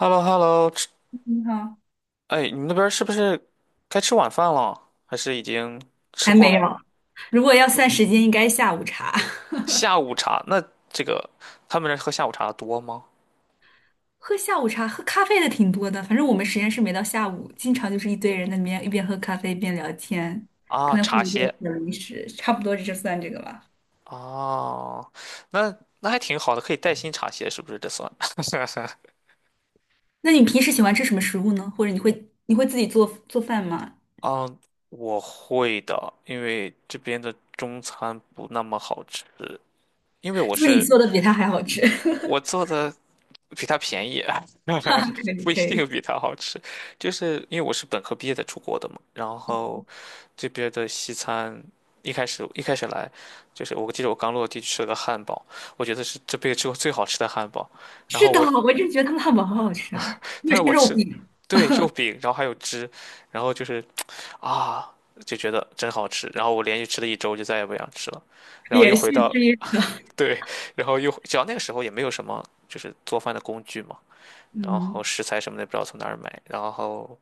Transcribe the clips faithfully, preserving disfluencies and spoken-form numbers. h e l l o h e l l o 吃，你好，哎，你们那边儿是不是该吃晚饭了？还是已经吃还过没有。了？如果要算时间，应该下午茶。下午茶，那这个他们那儿喝下午茶的多吗？喝下午茶，喝咖啡的挺多的。反正我们实验室没到下午，经常就是一堆人在那边一边喝咖啡一边聊天，啊，可能会茶有一点歇小零食，差不多就算这个吧。啊，那那还挺好的，可以带薪茶歇，是不是？这算？那你平时喜欢吃什么食物呢？或者你会你会自己做做饭吗？嗯，我会的，因为这边的中餐不那么好吃，因为我就你是做的比他还好吃，我做的比它便宜。可 以不一可以。定比它好吃。就是因为我是本科毕业在出国的嘛，然后这边的西餐一开始一开始来，就是我记得我刚落地吃了个汉堡，我觉得是这辈子吃过最好吃的汉堡。然是后的，我，我就觉得他们汉堡好好吃啊，那但是是我肉吃，饼，对，肉饼，然后还有汁，然后就是啊，就觉得真好吃。然后我连续吃了一周，就再也不想吃了。然后又连回续到，吃一个。对，然后又，只要那个时候也没有什么就是做饭的工具嘛。然嗯，后食材什么的不知道从哪儿买，然后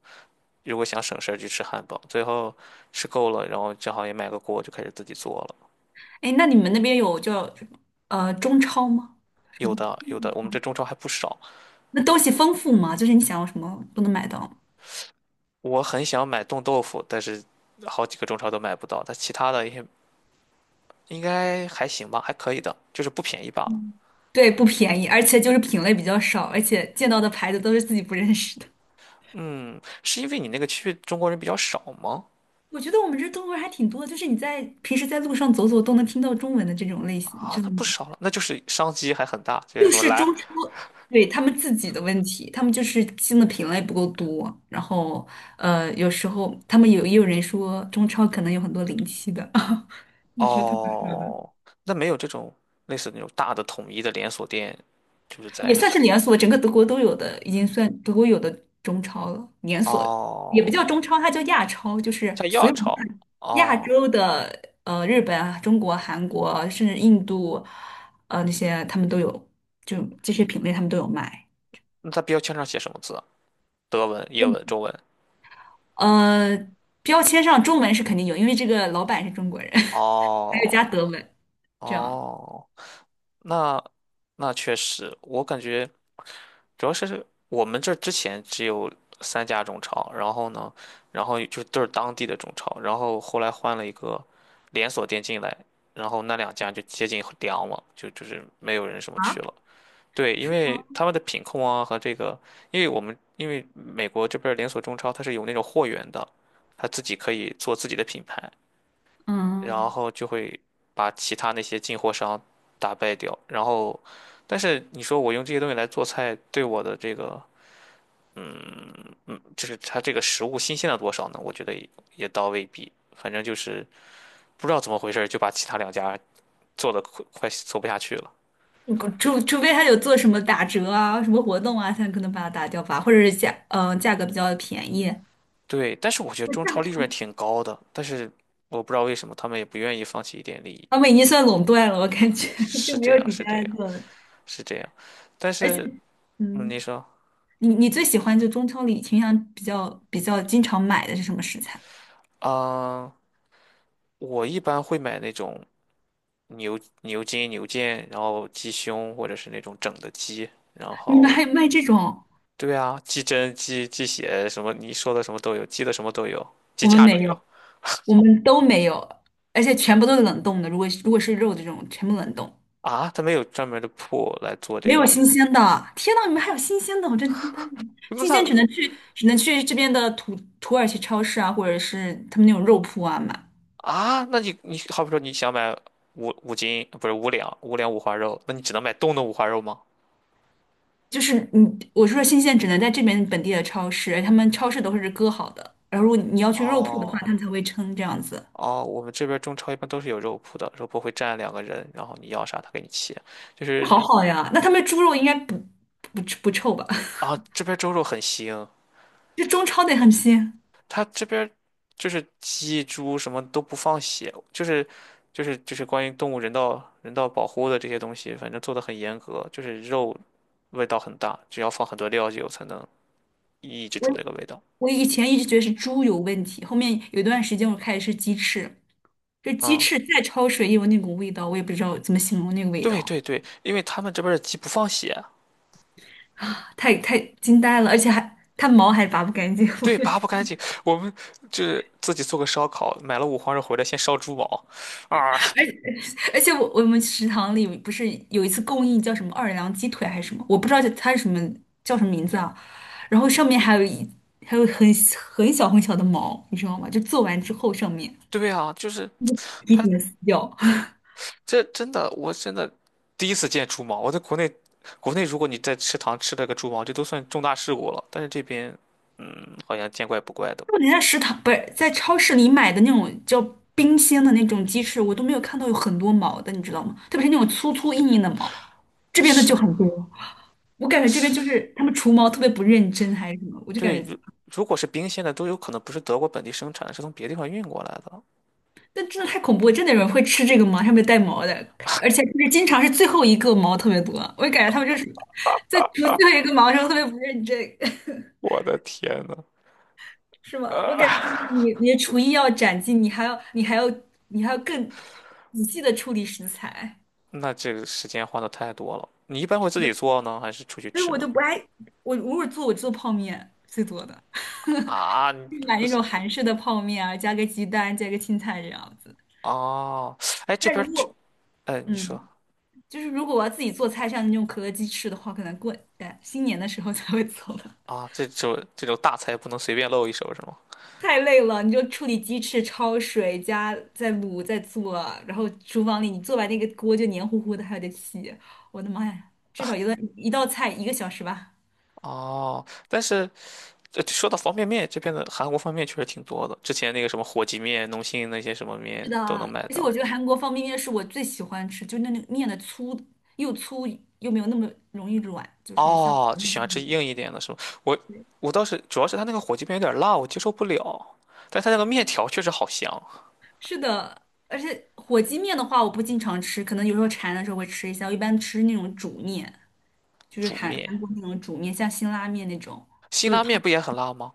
如果想省事儿就吃汉堡，最后吃够了，然后正好也买个锅就开始自己做了。哎，那你们那边有叫呃中超吗？什有么？的有的，我们这中超还不少。那东西丰富吗？就是你想要什么都能买到吗？我很想买冻豆腐，但是好几个中超都买不到。但其他的也应该还行吧，还可以的，就是不便宜罢了。嗯，对，不便宜，而且就是品类比较少，而且见到的牌子都是自己不认识的。是因为你那个区域中国人比较少吗？我觉得我们这中国人还挺多的，就是你在平时在路上走走都能听到中文的这种类型，啊，知那道吗？不少了，那就是商机还很大。就是就什么是中来超，对，他们自己的问题，他们就是新的品类不够多，然后呃，有时候他们有也有人说中超可能有很多临期的，就是他哦，那没有这种类似那种大的统一的连锁店，就是也在算是连锁，整个德国都有的，已经算德国有的中超了。连锁也不叫哦，中超，它叫亚超，就是在所亚有超。亚哦，洲的，呃，日本啊、中国、韩国啊，甚至印度，呃，那些他们都有，就这些品类他们都有卖。那它标签上写什么字啊，德文、英文、中文。呃，标签上中文是肯定有，因为这个老板是中国人，还有加哦德文，这样哦，那那确实，我感觉主要是我们这儿之前只有三家中超，然后呢，然后就都是当地的中超，然后后来换了一个连锁店进来，然后那两家就接近凉了，就就是没有人什么去啊？了。对，因是吗？为他们的品控啊和这个，因为我们因为美国这边儿连锁中超它是有那种货源的，它自己可以做自己的品牌，然嗯。后就会把其他那些进货商打败掉。然后，但是你说我用这些东西来做菜，对我的这个，嗯嗯，就是它这个食物新鲜了多少呢？我觉得也也倒未必，反正就是不知道怎么回事儿就把其他两家做的快快做不下去了。除除非他有做什么打折啊、什么活动啊，才可能把它打掉吧，或者是价嗯、呃价格比较便宜，对，但是我觉得中超利润我挺高的，但是我不知道为什么他们也不愿意放弃一点利益。他们已经算垄断了，我感觉 就是没这有样，几是家这在样，做了。是这样。但而且，是嗯你嗯，说，你你最喜欢就中超里倾向比较比较经常买的是什么食材？啊，我一般会买那种牛牛筋、牛腱，然后鸡胸或者是那种整的鸡。然你们后还有卖这种？对啊，鸡胗、鸡鸡血什么，你说的什么都有，鸡的什么都有，鸡我们架都没有有，我们都没有，而且全部都是冷冻的。如果如果是肉这种，全部冷冻，啊。它没有专门的铺来做没这有个。新鲜的。天呐，你们还有新鲜的？我真惊呆了，那新它鲜只能去只能去这边的土土耳其超市啊，或者是他们那种肉铺啊买。啊，那你你好比说你想买五五斤，不是五两，五两五花肉，那你只能买冻的五花肉吗？就是你，我说新鲜只能在这边本地的超市，他们超市都是割好的，然后如果你要去肉铺的话，他哦们才会称这样子，哦，我们这边中超一般都是有肉铺的，肉铺会站两个人，然后你要啥他给你切。就是好好呀。那他们猪肉应该不不不臭吧？啊，这边猪肉很腥。这中超得很鲜。他这边就是鸡猪什么都不放血，就是就是就是关于动物人道人道保护的这些东西，反正做的很严格，就是肉味道很大，只要放很多料酒才能抑制我住那个味道。我以前一直觉得是猪有问题，后面有一段时间我开始吃鸡翅，这鸡嗯翅再焯水也有那股味道，我也不知道怎么形容那个味对道对对，因为他们这边的鸡不放血。啊，太太惊呆了，而且还它毛还拔不干净，我对，而拔且。不干净。我们就是自己做个烧烤，买了五花肉回来，先烧猪毛。啊，而且我我们食堂里不是有一次供应叫什么奥尔良鸡腿还是什么，我不知道它是什么叫什么名字啊。然后上面还有一还有很很小很小的毛，你知道吗？就做完之后上面 对啊，就是一他点点撕掉。这真的，我真的第一次见猪毛。我在国内，国内如果你在食堂吃了个猪毛，这都算重大事故了。但是这边，嗯，好像见怪不怪的。我连在食堂不是在超市里买的那种叫冰鲜的那种鸡翅，我都没有看到有很多毛的，你知道吗？特别是那种粗粗硬硬的毛，这边的是就很多。我感觉这边就是，是他们除毛特别不认真还是什么，我就感对，觉如如果是冰鲜的，都有可能不是德国本地生产，的，是从别地方运过来的。但真的太恐怖了，真的有人会吃这个吗？上面带毛的，而且就是经常是最后一个毛特别多，我感觉他们就是在除最后一个毛的时候特别不认真，我的天呐！是吗？我感觉就是你你的厨艺要斩进，你还要你还要你还要更仔细的处理食材，那这个时间花的太多了。你一般会自己做呢，还是出去所以吃我呢？就不爱我偶尔做我做泡面最多的，啊，你就是买不那是种韩式的泡面啊，加个鸡蛋，加个青菜这样子。哦，哎，这但边儿如去，果哎，你说嗯，就是如果我要自己做菜，像那种可乐鸡翅的话，可能过呃新年的时候才会做吧。啊，这种这种大菜不能随便露一手是吗？太累了，你就处理鸡翅、焯水加再卤再做，然后厨房里你做完那个锅就黏糊糊的，还有点洗，我的妈呀，一道菜一个小时吧。哦，但是这说到方便面，这边的韩国方便面确实挺多的。之前那个什么火鸡面、农心那些什么是面的，都能买而且到。我觉得韩国方便面是我最喜欢吃，就那那面的粗又粗又没有那么容易软，就是哦，就喜欢吃硬一点的是吗？我我倒是主要是它那个火鸡面有点辣，我接受不了。但它那个面条确实好香。是的。而且火鸡面的话，我不经常吃，可能有时候馋的时候会吃一下，我一般吃那种煮面，就是煮韩面。韩国那种煮面，像辛拉面那种。辛就是拉汤。面不也很辣吗？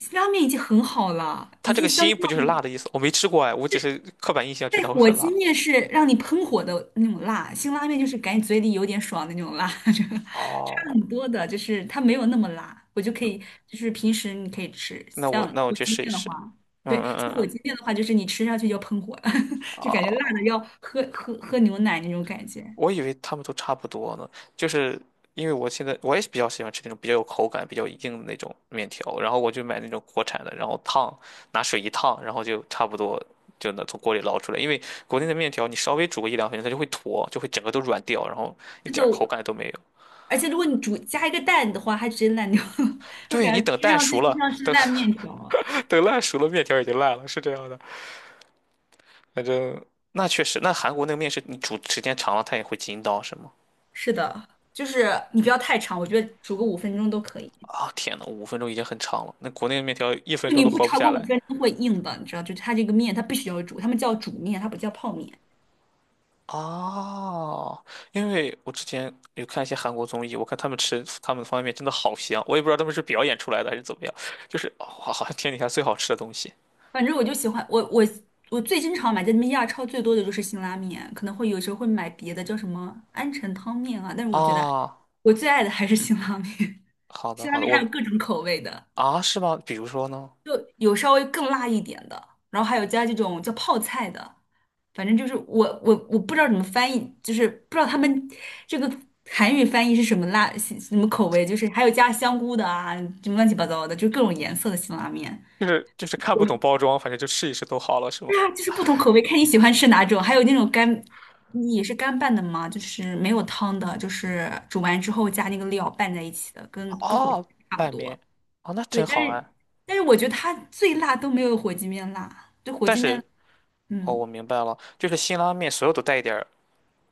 辛拉面已经很好了，它已这经个相辛不就是辣的意思？我没吃过哎，我只是刻板印象觉对得会火很鸡辣。面是让你喷火的那种辣，辛拉面就是感觉嘴里有点爽的那种辣，这个差哦，很多的，就是它没有那么辣，我就可以，就是平时你可以吃，那我像那我火去鸡试一面的试。话，嗯对，嗯嗯像火嗯。鸡面的话，就是你吃下去就喷火了，就感觉辣的哦，要喝喝喝牛奶那种感觉。我以为他们都差不多呢，就是因为我现在我也比较喜欢吃那种比较有口感、比较硬的那种面条，然后我就买那种国产的，然后烫，拿水一烫，然后就差不多就能从锅里捞出来。因为国内的面条你稍微煮个一两分钟，它就会坨，就会整个都软掉，然后一是的，点儿口感都没有。而且如果你煮加一个蛋的话，还直接烂掉了，就对，感你觉等吃蛋上熟去就了，像是等 烂面条。等烂熟了，面条已经烂了，是这样的。反正那确实，那韩国那个面是，你煮时间长了，它也会筋道是吗？是的，就是你不要太长，我觉得煮个五分钟都可以。啊、天呐，五分钟已经很长了，那国内的面条一分就钟你都不活不超下过五来。分钟会硬的，你知道，就是它这个面它必须要煮，他们叫煮面，它不叫泡面。哦，因为我之前有看一些韩国综艺，我看他们吃他们的方便面真的好香，我也不知道他们是表演出来的还是怎么样，就是哇，好好像天底下最好吃的东西。反正我就喜欢我我我最经常买在那边亚超最多的就是辛拉面，可能会有时候会买别的叫什么安城汤面啊，但是我觉得啊！我最爱的还是辛拉面，好 的辛拉好的，面还我有各种口味的。啊是吗？比如说呢？就有稍微更辣一点的，然后还有加这种叫泡菜的，反正就是我我我不知道怎么翻译，就是不知道他们这个韩语翻译是什么辣什么口味，就是还有加香菇的啊，什么乱七八糟的，就各种颜色的辛拉面。就是就是看我不懂包装，反正就试一试都好了是吗？对啊，就是不同口味，看你喜欢吃哪种，还有那种干。你也是干拌的吗？就是没有汤的，就是煮完之后加那个料拌在一起的，跟跟火鸡哦，差不拌多。面，哦那对，真但好是哎，但是我觉得它最辣都没有火鸡面辣，就火但鸡面，是。哦，我嗯，明白了，就是辛拉面所有都带一点儿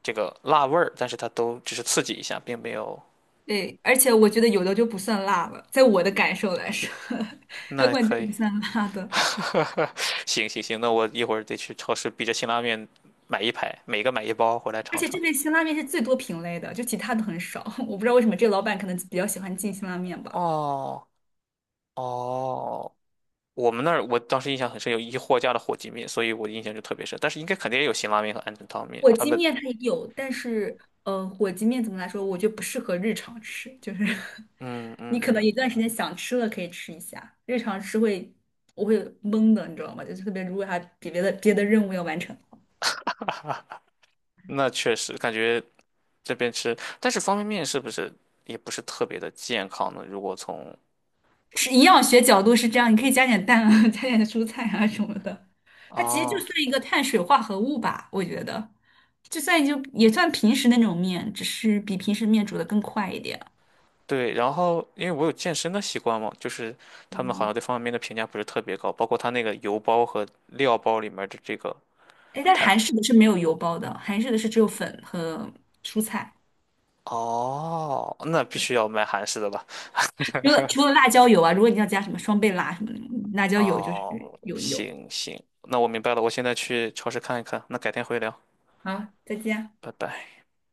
这个辣味儿，但是它都只是刺激一下，并没有。对，而且我觉得有的就不算辣了，在我的感受来说，还那管这可个以，不算辣的。行行行，那我一会儿得去超市逼着辛拉面买一排，每个买一包回来而尝且尝。这边辛拉面是最多品类的，就其他的很少，我不知道为什么这个老板可能比较喜欢进辛拉面吧。哦哦，我们那儿我当时印象很深，有一货架的火鸡面，所以我的印象就特别深。但是应该肯定也有辛拉面和鹌鹑汤面，火他鸡们面它也有，但是呃，火鸡面怎么来说，我觉得不适合日常吃，就是 嗯嗯你可能嗯，一段时间想吃了可以吃一下，日常吃会我会懵的，你知道吗？就特别如果还比别的别的任务要完成的话，那确实感觉这边吃，但是方便面是不是也不是特别的健康呢？如果从是营养学角度是这样，你可以加点蛋啊，加点蔬菜啊什么的，它其实就哦。算一个碳水化合物吧，我觉得，就算就也算平时那种面，只是比平时面煮的更快一点。对，然后因为我有健身的习惯嘛，就是他们好像对方便面的评价不是特别高，包括他那个油包和料包里面的这个哎，但是碳。韩式的是没有油包的，韩式的是只有粉和蔬菜。哦，那必对，须要买韩式的吧？除了除了辣椒油啊，如果你要加什么双倍辣什么的，嗯辣椒油就是哦，有油。行行，那我明白了，我现在去超市看一看，那改天回聊，啊。再见啊。拜拜。